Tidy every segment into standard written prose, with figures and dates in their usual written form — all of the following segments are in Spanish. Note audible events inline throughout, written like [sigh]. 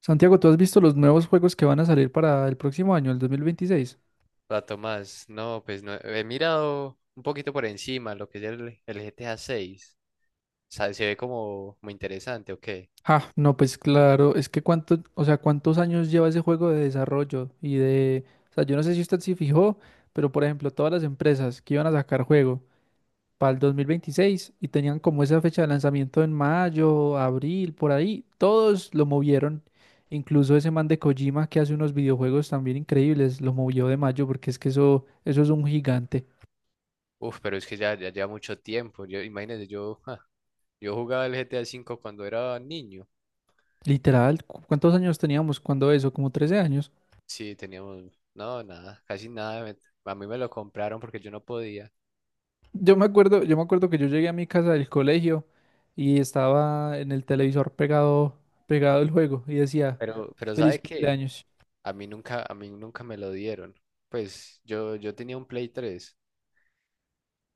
Santiago, ¿tú has visto los nuevos juegos que van a salir para el próximo año, el 2026? Hola, más, no, pues no, he mirado un poquito por encima lo que es el GTA 6. Se ve como muy interesante, ok. Ah, no, pues claro, es que cuánto, o sea, cuántos años lleva ese juego de desarrollo y de, o sea, yo no sé si usted se fijó, pero por ejemplo, todas las empresas que iban a sacar juego para el 2026 y tenían como esa fecha de lanzamiento en mayo, abril, por ahí, todos lo movieron. Incluso ese man de Kojima que hace unos videojuegos también increíbles, lo movió de mayo porque es que eso es un gigante. Uf, pero es que ya lleva mucho tiempo. Yo, imagínate, yo jugaba el GTA 5 cuando era niño. Literal, ¿cuántos años teníamos cuando eso? Como 13 años. Sí, teníamos, no, nada, casi nada. A mí me lo compraron porque yo no podía. Yo me acuerdo que yo llegué a mi casa del colegio y estaba en el televisor pegado el juego y decía, Pero feliz ¿sabe qué? cumpleaños. A mí nunca, me lo dieron. Pues yo tenía un Play 3.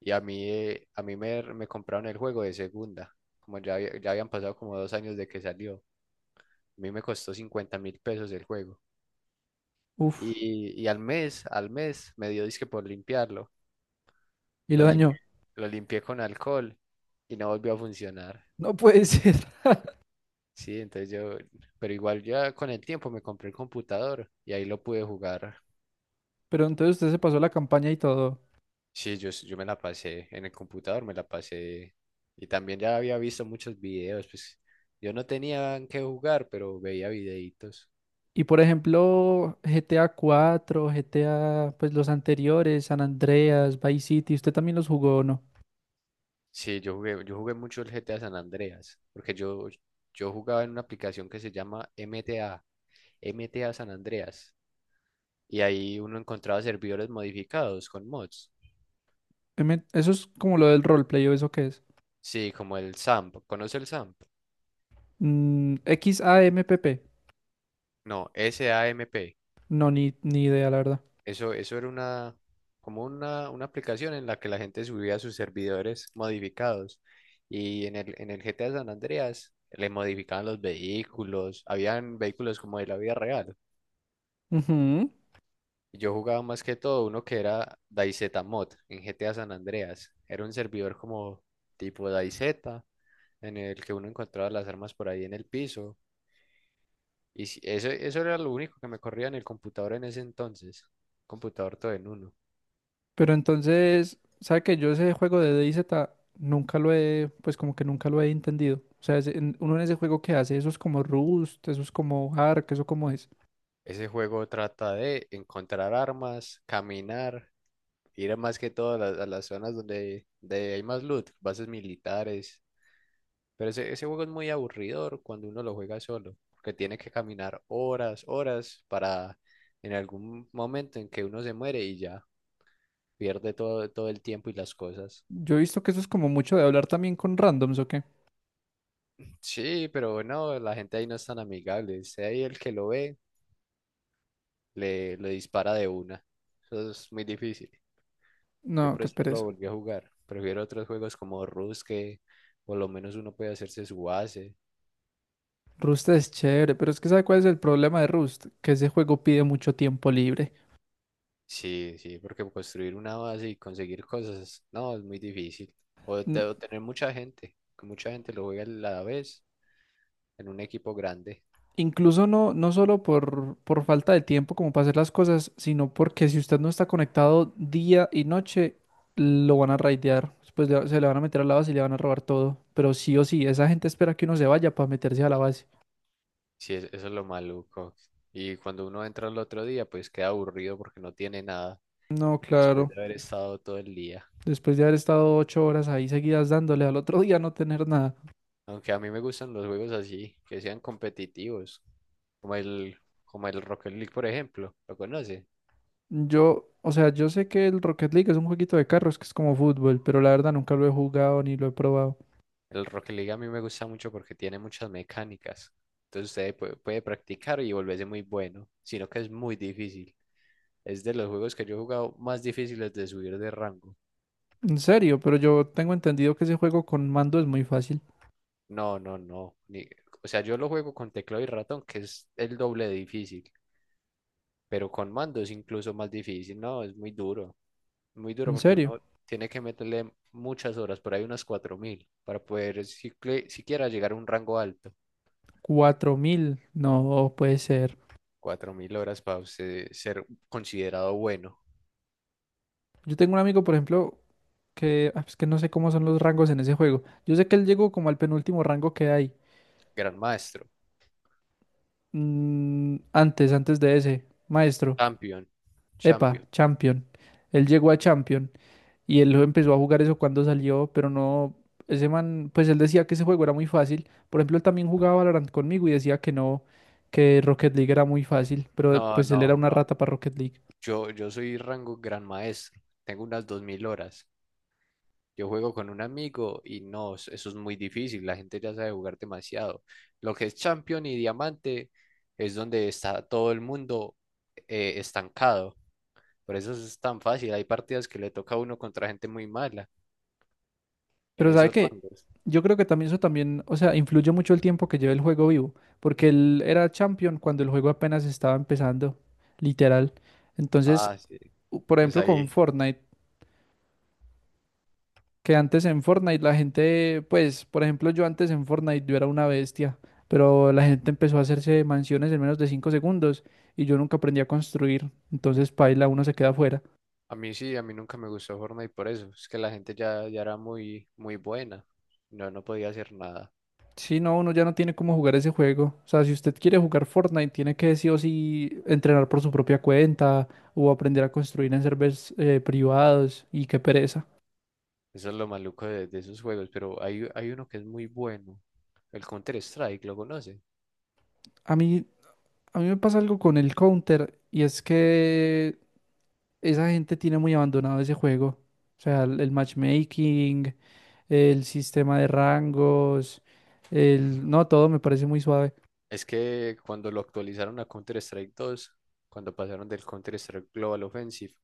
Y a mí me compraron el juego de segunda, como ya, ya habían pasado como dos años de que salió. A mí me costó 50.000 pesos el juego. Uf, Y al mes, me dio disque por limpiarlo. y Lo lo limpié, dañó. lo limpié con alcohol y no volvió a funcionar. No puede ser. [laughs] Sí, entonces pero igual ya con el tiempo me compré el computador y ahí lo pude jugar. Pero entonces usted se pasó la campaña y todo. Sí, yo me la pasé en el computador, me la pasé. Y también ya había visto muchos videos, pues yo no tenía en qué jugar, pero veía videitos. Y por ejemplo, GTA 4, GTA, pues los anteriores, San Andreas, Vice City, ¿usted también los jugó o no? Sí, yo jugué mucho el GTA San Andreas, porque yo jugaba en una aplicación que se llama MTA, MTA San Andreas, y ahí uno encontraba servidores modificados con mods. Eso es como lo del roleplay, ¿o eso qué es? Sí, como el SAMP, ¿conoce el SAMP? Mm, XAMPP. No, SAMP. No, ni idea, la verdad. Eso, eso era una aplicación en la que la gente subía sus servidores modificados. Y en el GTA San Andreas le modificaban los vehículos. Habían vehículos como de la vida real. Ujú. Y yo jugaba más que todo uno que era DayZ Mod en GTA San Andreas. Era un servidor como tipo DayZ en el que uno encontraba las armas por ahí en el piso. Y eso, eso era lo único que me corría en el computador en ese entonces. Computador todo en uno. Pero entonces, ¿sabe que yo ese juego de DayZ nunca lo he, pues como que nunca lo he entendido? O sea, uno en ese juego que hace, eso es como Rust, eso es como Ark, eso como es. Ese juego trata de encontrar armas, caminar, ir a más que todo a las zonas donde hay más loot, bases militares. Pero ese juego es muy aburridor cuando uno lo juega solo, porque tiene que caminar horas, horas para en algún momento en que uno se muere y ya pierde todo, todo el tiempo y las cosas. Yo he visto que eso es como mucho de hablar también con randoms, ¿o qué? Sí, pero no, la gente ahí no es tan amigable. Sea ahí el que lo ve, le dispara de una. Eso es muy difícil. Yo No, por qué eso no lo pereza. volví a jugar. Prefiero otros juegos como Rust que por lo menos uno puede hacerse su base. Rust es chévere, pero es que ¿sabe cuál es el problema de Rust? Que ese juego pide mucho tiempo libre. Sí, sí, porque construir una base y conseguir cosas, no, es muy difícil. O tener mucha gente, que mucha gente lo juega a la vez en un equipo grande. Incluso no solo por falta de tiempo como para hacer las cosas, sino porque si usted no está conectado día y noche, lo van a raidear. Se le van a meter a la base y le van a robar todo. Pero sí o sí, esa gente espera que uno se vaya para meterse a la base. Sí, eso es lo maluco. Y cuando uno entra al otro día, pues queda aburrido porque no tiene nada No, después claro. de haber estado todo el día. Después de haber estado 8 horas ahí seguidas dándole al otro [laughs] día no tener nada. Aunque a mí me gustan los juegos así, que sean competitivos, como el, como el Rocket League, por ejemplo. ¿Lo conoce? Yo, o sea, yo sé que el Rocket League es un jueguito de carros que es como fútbol, pero la verdad nunca lo he jugado ni lo he probado. El Rocket League a mí me gusta mucho porque tiene muchas mecánicas. Entonces usted puede practicar y volverse muy bueno, sino que es muy difícil. Es de los juegos que yo he jugado más difíciles de subir de rango. En serio, pero yo tengo entendido que ese juego con mando es muy fácil. No, no, no. O sea, yo lo juego con teclado y ratón, que es el doble de difícil, pero con mando es incluso más difícil. No, es muy duro. Muy duro En porque serio. uno tiene que meterle muchas horas, por ahí unas 4.000, para poder siquiera llegar a un rango alto. 4.000, no puede ser. 4.000 horas para usted ser considerado bueno, Yo tengo un amigo, por ejemplo, que ah, es que no sé cómo son los rangos en ese juego. Yo sé que él llegó como al penúltimo rango que hay. gran maestro, Mm, antes de ese, maestro. champion, Epa, champion. champion. Él llegó a champion y él empezó a jugar eso cuando salió, pero no. Ese man, pues él decía que ese juego era muy fácil. Por ejemplo, él también jugaba Valorant conmigo y decía que no, que Rocket League era muy fácil, pero No, pues él era no, una no. rata para Rocket League. Yo soy rango gran maestro. Tengo unas 2.000 horas. Yo juego con un amigo y no, eso es muy difícil. La gente ya sabe jugar demasiado. Lo que es champion y diamante es donde está todo el mundo estancado. Por eso es tan fácil. Hay partidas que le toca a uno contra gente muy mala en Pero sabe esos que rangos. yo creo que también eso también, o sea, influye mucho el tiempo que lleva el juego vivo, porque él era champion cuando el juego apenas estaba empezando, literal. Entonces, Ah, sí. Por Pues ejemplo, con ahí. Fortnite, que antes en Fortnite la gente, pues, por ejemplo, yo antes en Fortnite yo era una bestia, pero la gente empezó a hacerse mansiones en menos de 5 segundos y yo nunca aprendí a construir, entonces paila, uno se queda fuera. A mí sí, a mí nunca me gustó Fortnite por eso. Es que la gente ya era muy, muy buena. No, no podía hacer nada. Sí, no, uno ya no tiene cómo jugar ese juego. O sea, si usted quiere jugar Fortnite, tiene que sí o sí entrenar por su propia cuenta o aprender a construir en servers privados y qué pereza. Eso es lo maluco de esos juegos. Pero hay uno que es muy bueno. El Counter-Strike, ¿lo conoce? A mí, a mí me pasa algo con el Counter y es que esa gente tiene muy abandonado ese juego. O sea, el matchmaking, el sistema de rangos, el... No, todo me parece muy suave. Es que cuando lo actualizaron a Counter-Strike 2, cuando pasaron del Counter-Strike Global Offensive,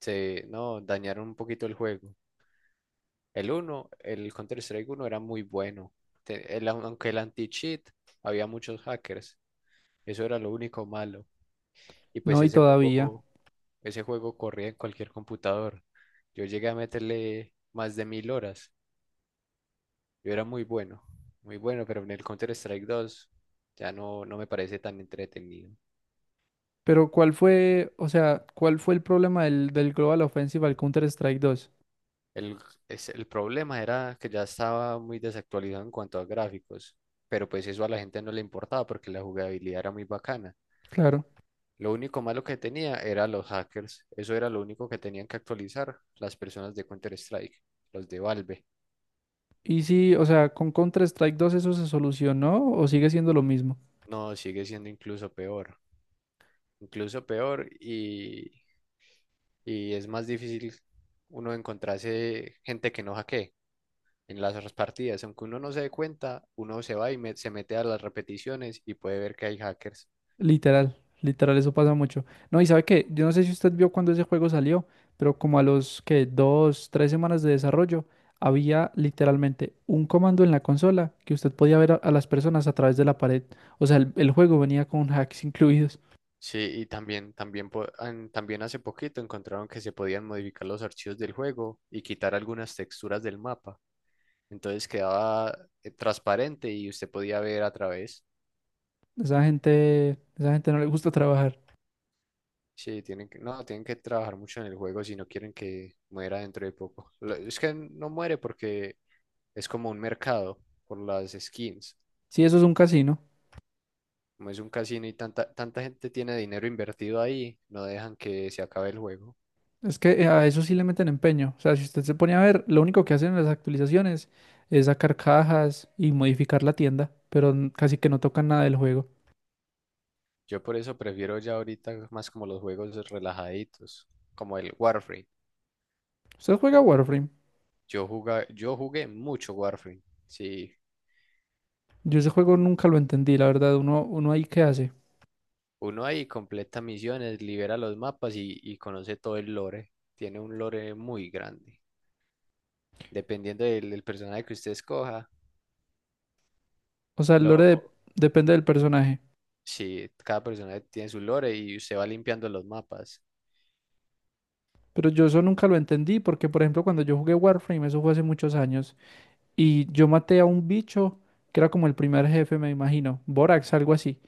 se, no, dañaron un poquito el juego. El Counter-Strike uno era muy bueno. Aunque el anti-cheat, había muchos hackers. Eso era lo único malo. Y pues No, y ese todavía. juego Ese juego corría en cualquier computador. Yo llegué a meterle más de 1.000 horas. Yo era muy bueno, muy bueno, pero en el Counter-Strike 2 ya no, no me parece tan entretenido. Pero ¿cuál fue, o sea, cuál fue el problema del Global Offensive al Counter-Strike 2? El, el problema era que ya estaba muy desactualizado en cuanto a gráficos, pero pues eso a la gente no le importaba porque la jugabilidad era muy bacana. Claro. Lo único malo que tenía era los hackers. Eso era lo único que tenían que actualizar las personas de Counter-Strike, los de Valve. Y sí, o sea, con Counter-Strike 2 eso se solucionó o sigue siendo lo mismo. No, sigue siendo incluso peor, incluso peor, y es más difícil uno encontrarse gente que no hackee en las otras partidas. Aunque uno no se dé cuenta, uno se va y se mete a las repeticiones y puede ver que hay hackers. Literal, literal, eso pasa mucho. No, y sabe qué, yo no sé si usted vio cuando ese juego salió, pero como a los que dos, tres semanas de desarrollo, había literalmente un comando en la consola que usted podía ver a las personas a través de la pared. O sea, el juego venía con [laughs] hacks incluidos. Sí, y también hace poquito encontraron que se podían modificar los archivos del juego y quitar algunas texturas del mapa. Entonces quedaba transparente y usted podía ver a través. Esa gente, esa gente no le gusta trabajar. Sí, tienen que, no, tienen que trabajar mucho en el juego si no quieren que muera dentro de poco. [laughs] Es que no muere porque es como un mercado por las skins. Sí, eso es un casino. Como es un casino y tanta, tanta gente tiene dinero invertido ahí, no dejan que se acabe el juego. Es que a eso sí le meten empeño. O sea, si usted se pone a ver, lo único que hacen en las actualizaciones es sacar cajas y modificar la tienda, pero casi que no tocan nada del juego. Yo por eso prefiero ya ahorita más como los juegos relajaditos, como el Warframe. ¿Usted juega Warframe? Yo jugué mucho Warframe. Sí, Yo ese juego nunca lo entendí, la verdad. Uno ahí qué hace. uno ahí completa misiones, libera los mapas y conoce todo el lore. Tiene un lore muy grande, dependiendo del personaje que usted escoja. O sea, Lo, depende del personaje. sí, cada personaje tiene su lore y usted va limpiando los mapas. Pero yo eso nunca lo entendí porque, por ejemplo, cuando yo jugué Warframe, eso fue hace muchos años, y yo maté a un bicho que era como el primer jefe, me imagino, Borax, algo así.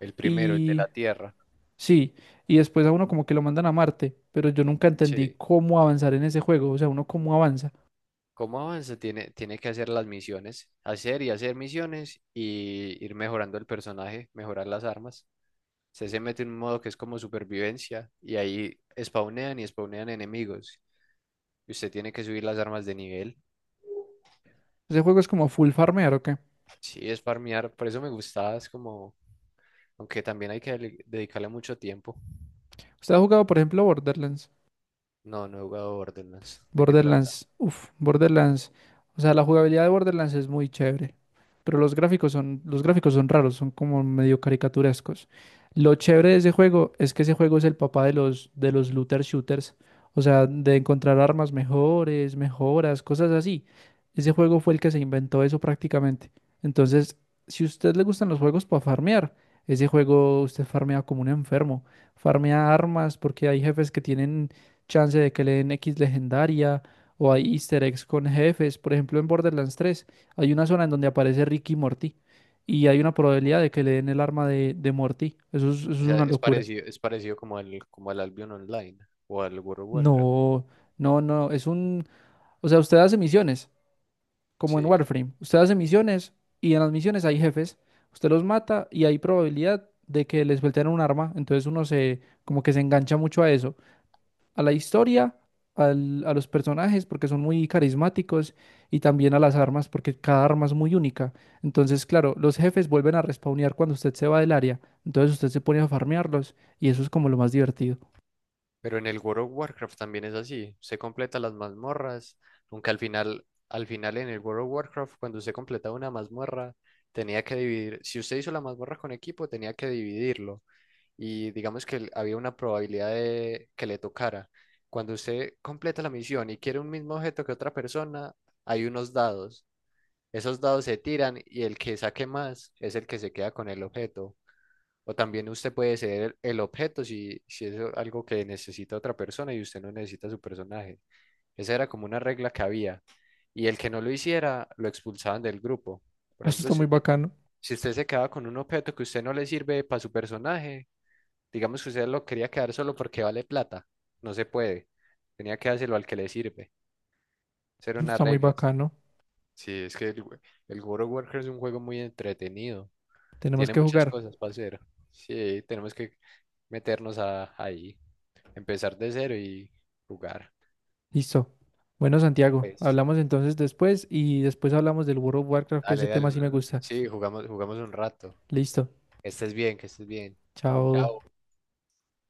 El primero, el de y la Tierra. Sí, y después a uno como que lo mandan a Marte, pero yo nunca entendí Sí. cómo avanzar en ese juego, o sea, uno cómo avanza. ¿Cómo avanza? Tiene que hacer las misiones, hacer y hacer misiones y ir mejorando el personaje, mejorar las armas. Usted se mete en un modo que es como supervivencia y ahí spawnean y spawnean enemigos. Y usted tiene que subir las armas de nivel. Ese juego es como full farmear, ¿o qué? Sí, es farmear, por eso me gustaba, es como, aunque también hay que dedicarle mucho tiempo. ¿Usted ha jugado, por ejemplo, Borderlands? No, no he jugado Borderlands. ¿De qué trata? Borderlands, o sea, la jugabilidad de Borderlands es muy chévere, pero los gráficos son raros, son como medio caricaturescos. Lo chévere de ese juego es que ese juego es el papá de de los looter shooters, o sea, de encontrar armas mejores, mejoras, cosas así. Ese juego fue el que se inventó eso prácticamente. Entonces, si a usted le gustan los juegos para farmear, ese juego usted farmea como un enfermo, farmea armas porque hay jefes que tienen chance de que le den X legendaria o hay easter eggs con jefes. Por ejemplo, en Borderlands 3 hay una zona en donde aparece Ricky y Morty y hay una O probabilidad de que le den el arma de Morty. Eso es sea, una locura. Es parecido como al, Albion Online o al World of Warcraft. No, no, es un... O sea, usted hace misiones, como en Sí. Warframe. Usted hace misiones y en las misiones hay jefes. Usted los mata y hay probabilidad de que les suelten un arma. Entonces uno se, como que se engancha mucho a eso, a la historia, a los personajes porque son muy carismáticos y también a las armas porque cada arma es muy única. Entonces, claro, los jefes vuelven a respawnear cuando usted se va del área. Entonces usted se pone a farmearlos y eso es como lo más divertido. [laughs] Pero en el World of Warcraft también es así. Se completa las mazmorras, aunque al final en el World of Warcraft, cuando usted completaba una mazmorra, tenía que dividir. Si usted hizo la mazmorra con equipo, tenía que dividirlo. Y digamos que había una probabilidad de que le tocara. Cuando usted completa la misión y quiere un mismo objeto que otra persona, hay unos dados. Esos dados se tiran y el que saque más es el que se queda con el objeto. O también usted puede ser el objeto si es algo que necesita otra persona y usted no necesita su personaje. Esa era como una regla que había. Y el que no lo hiciera, lo expulsaban del grupo. Por Eso ejemplo, está si, muy bacano, si usted se quedaba con un objeto que usted no le sirve para su personaje, digamos que usted lo quería quedar solo porque vale plata, no se puede. Tenía que dárselo al que le sirve. Esas eran eso unas está muy reglas. bacano. Sí, es que el World of Warcraft es un juego muy entretenido. Tenemos Tiene que muchas jugar. cosas para hacer. Sí, tenemos que meternos a, ahí, empezar de cero y jugar. Listo. Bueno, Santiago, Pues, hablamos entonces después y después hablamos del World of Warcraft, que ese dale, dale. tema sí me gusta. Sí, jugamos un rato. Listo. Que estés bien, que estés bien. Chao. Chao.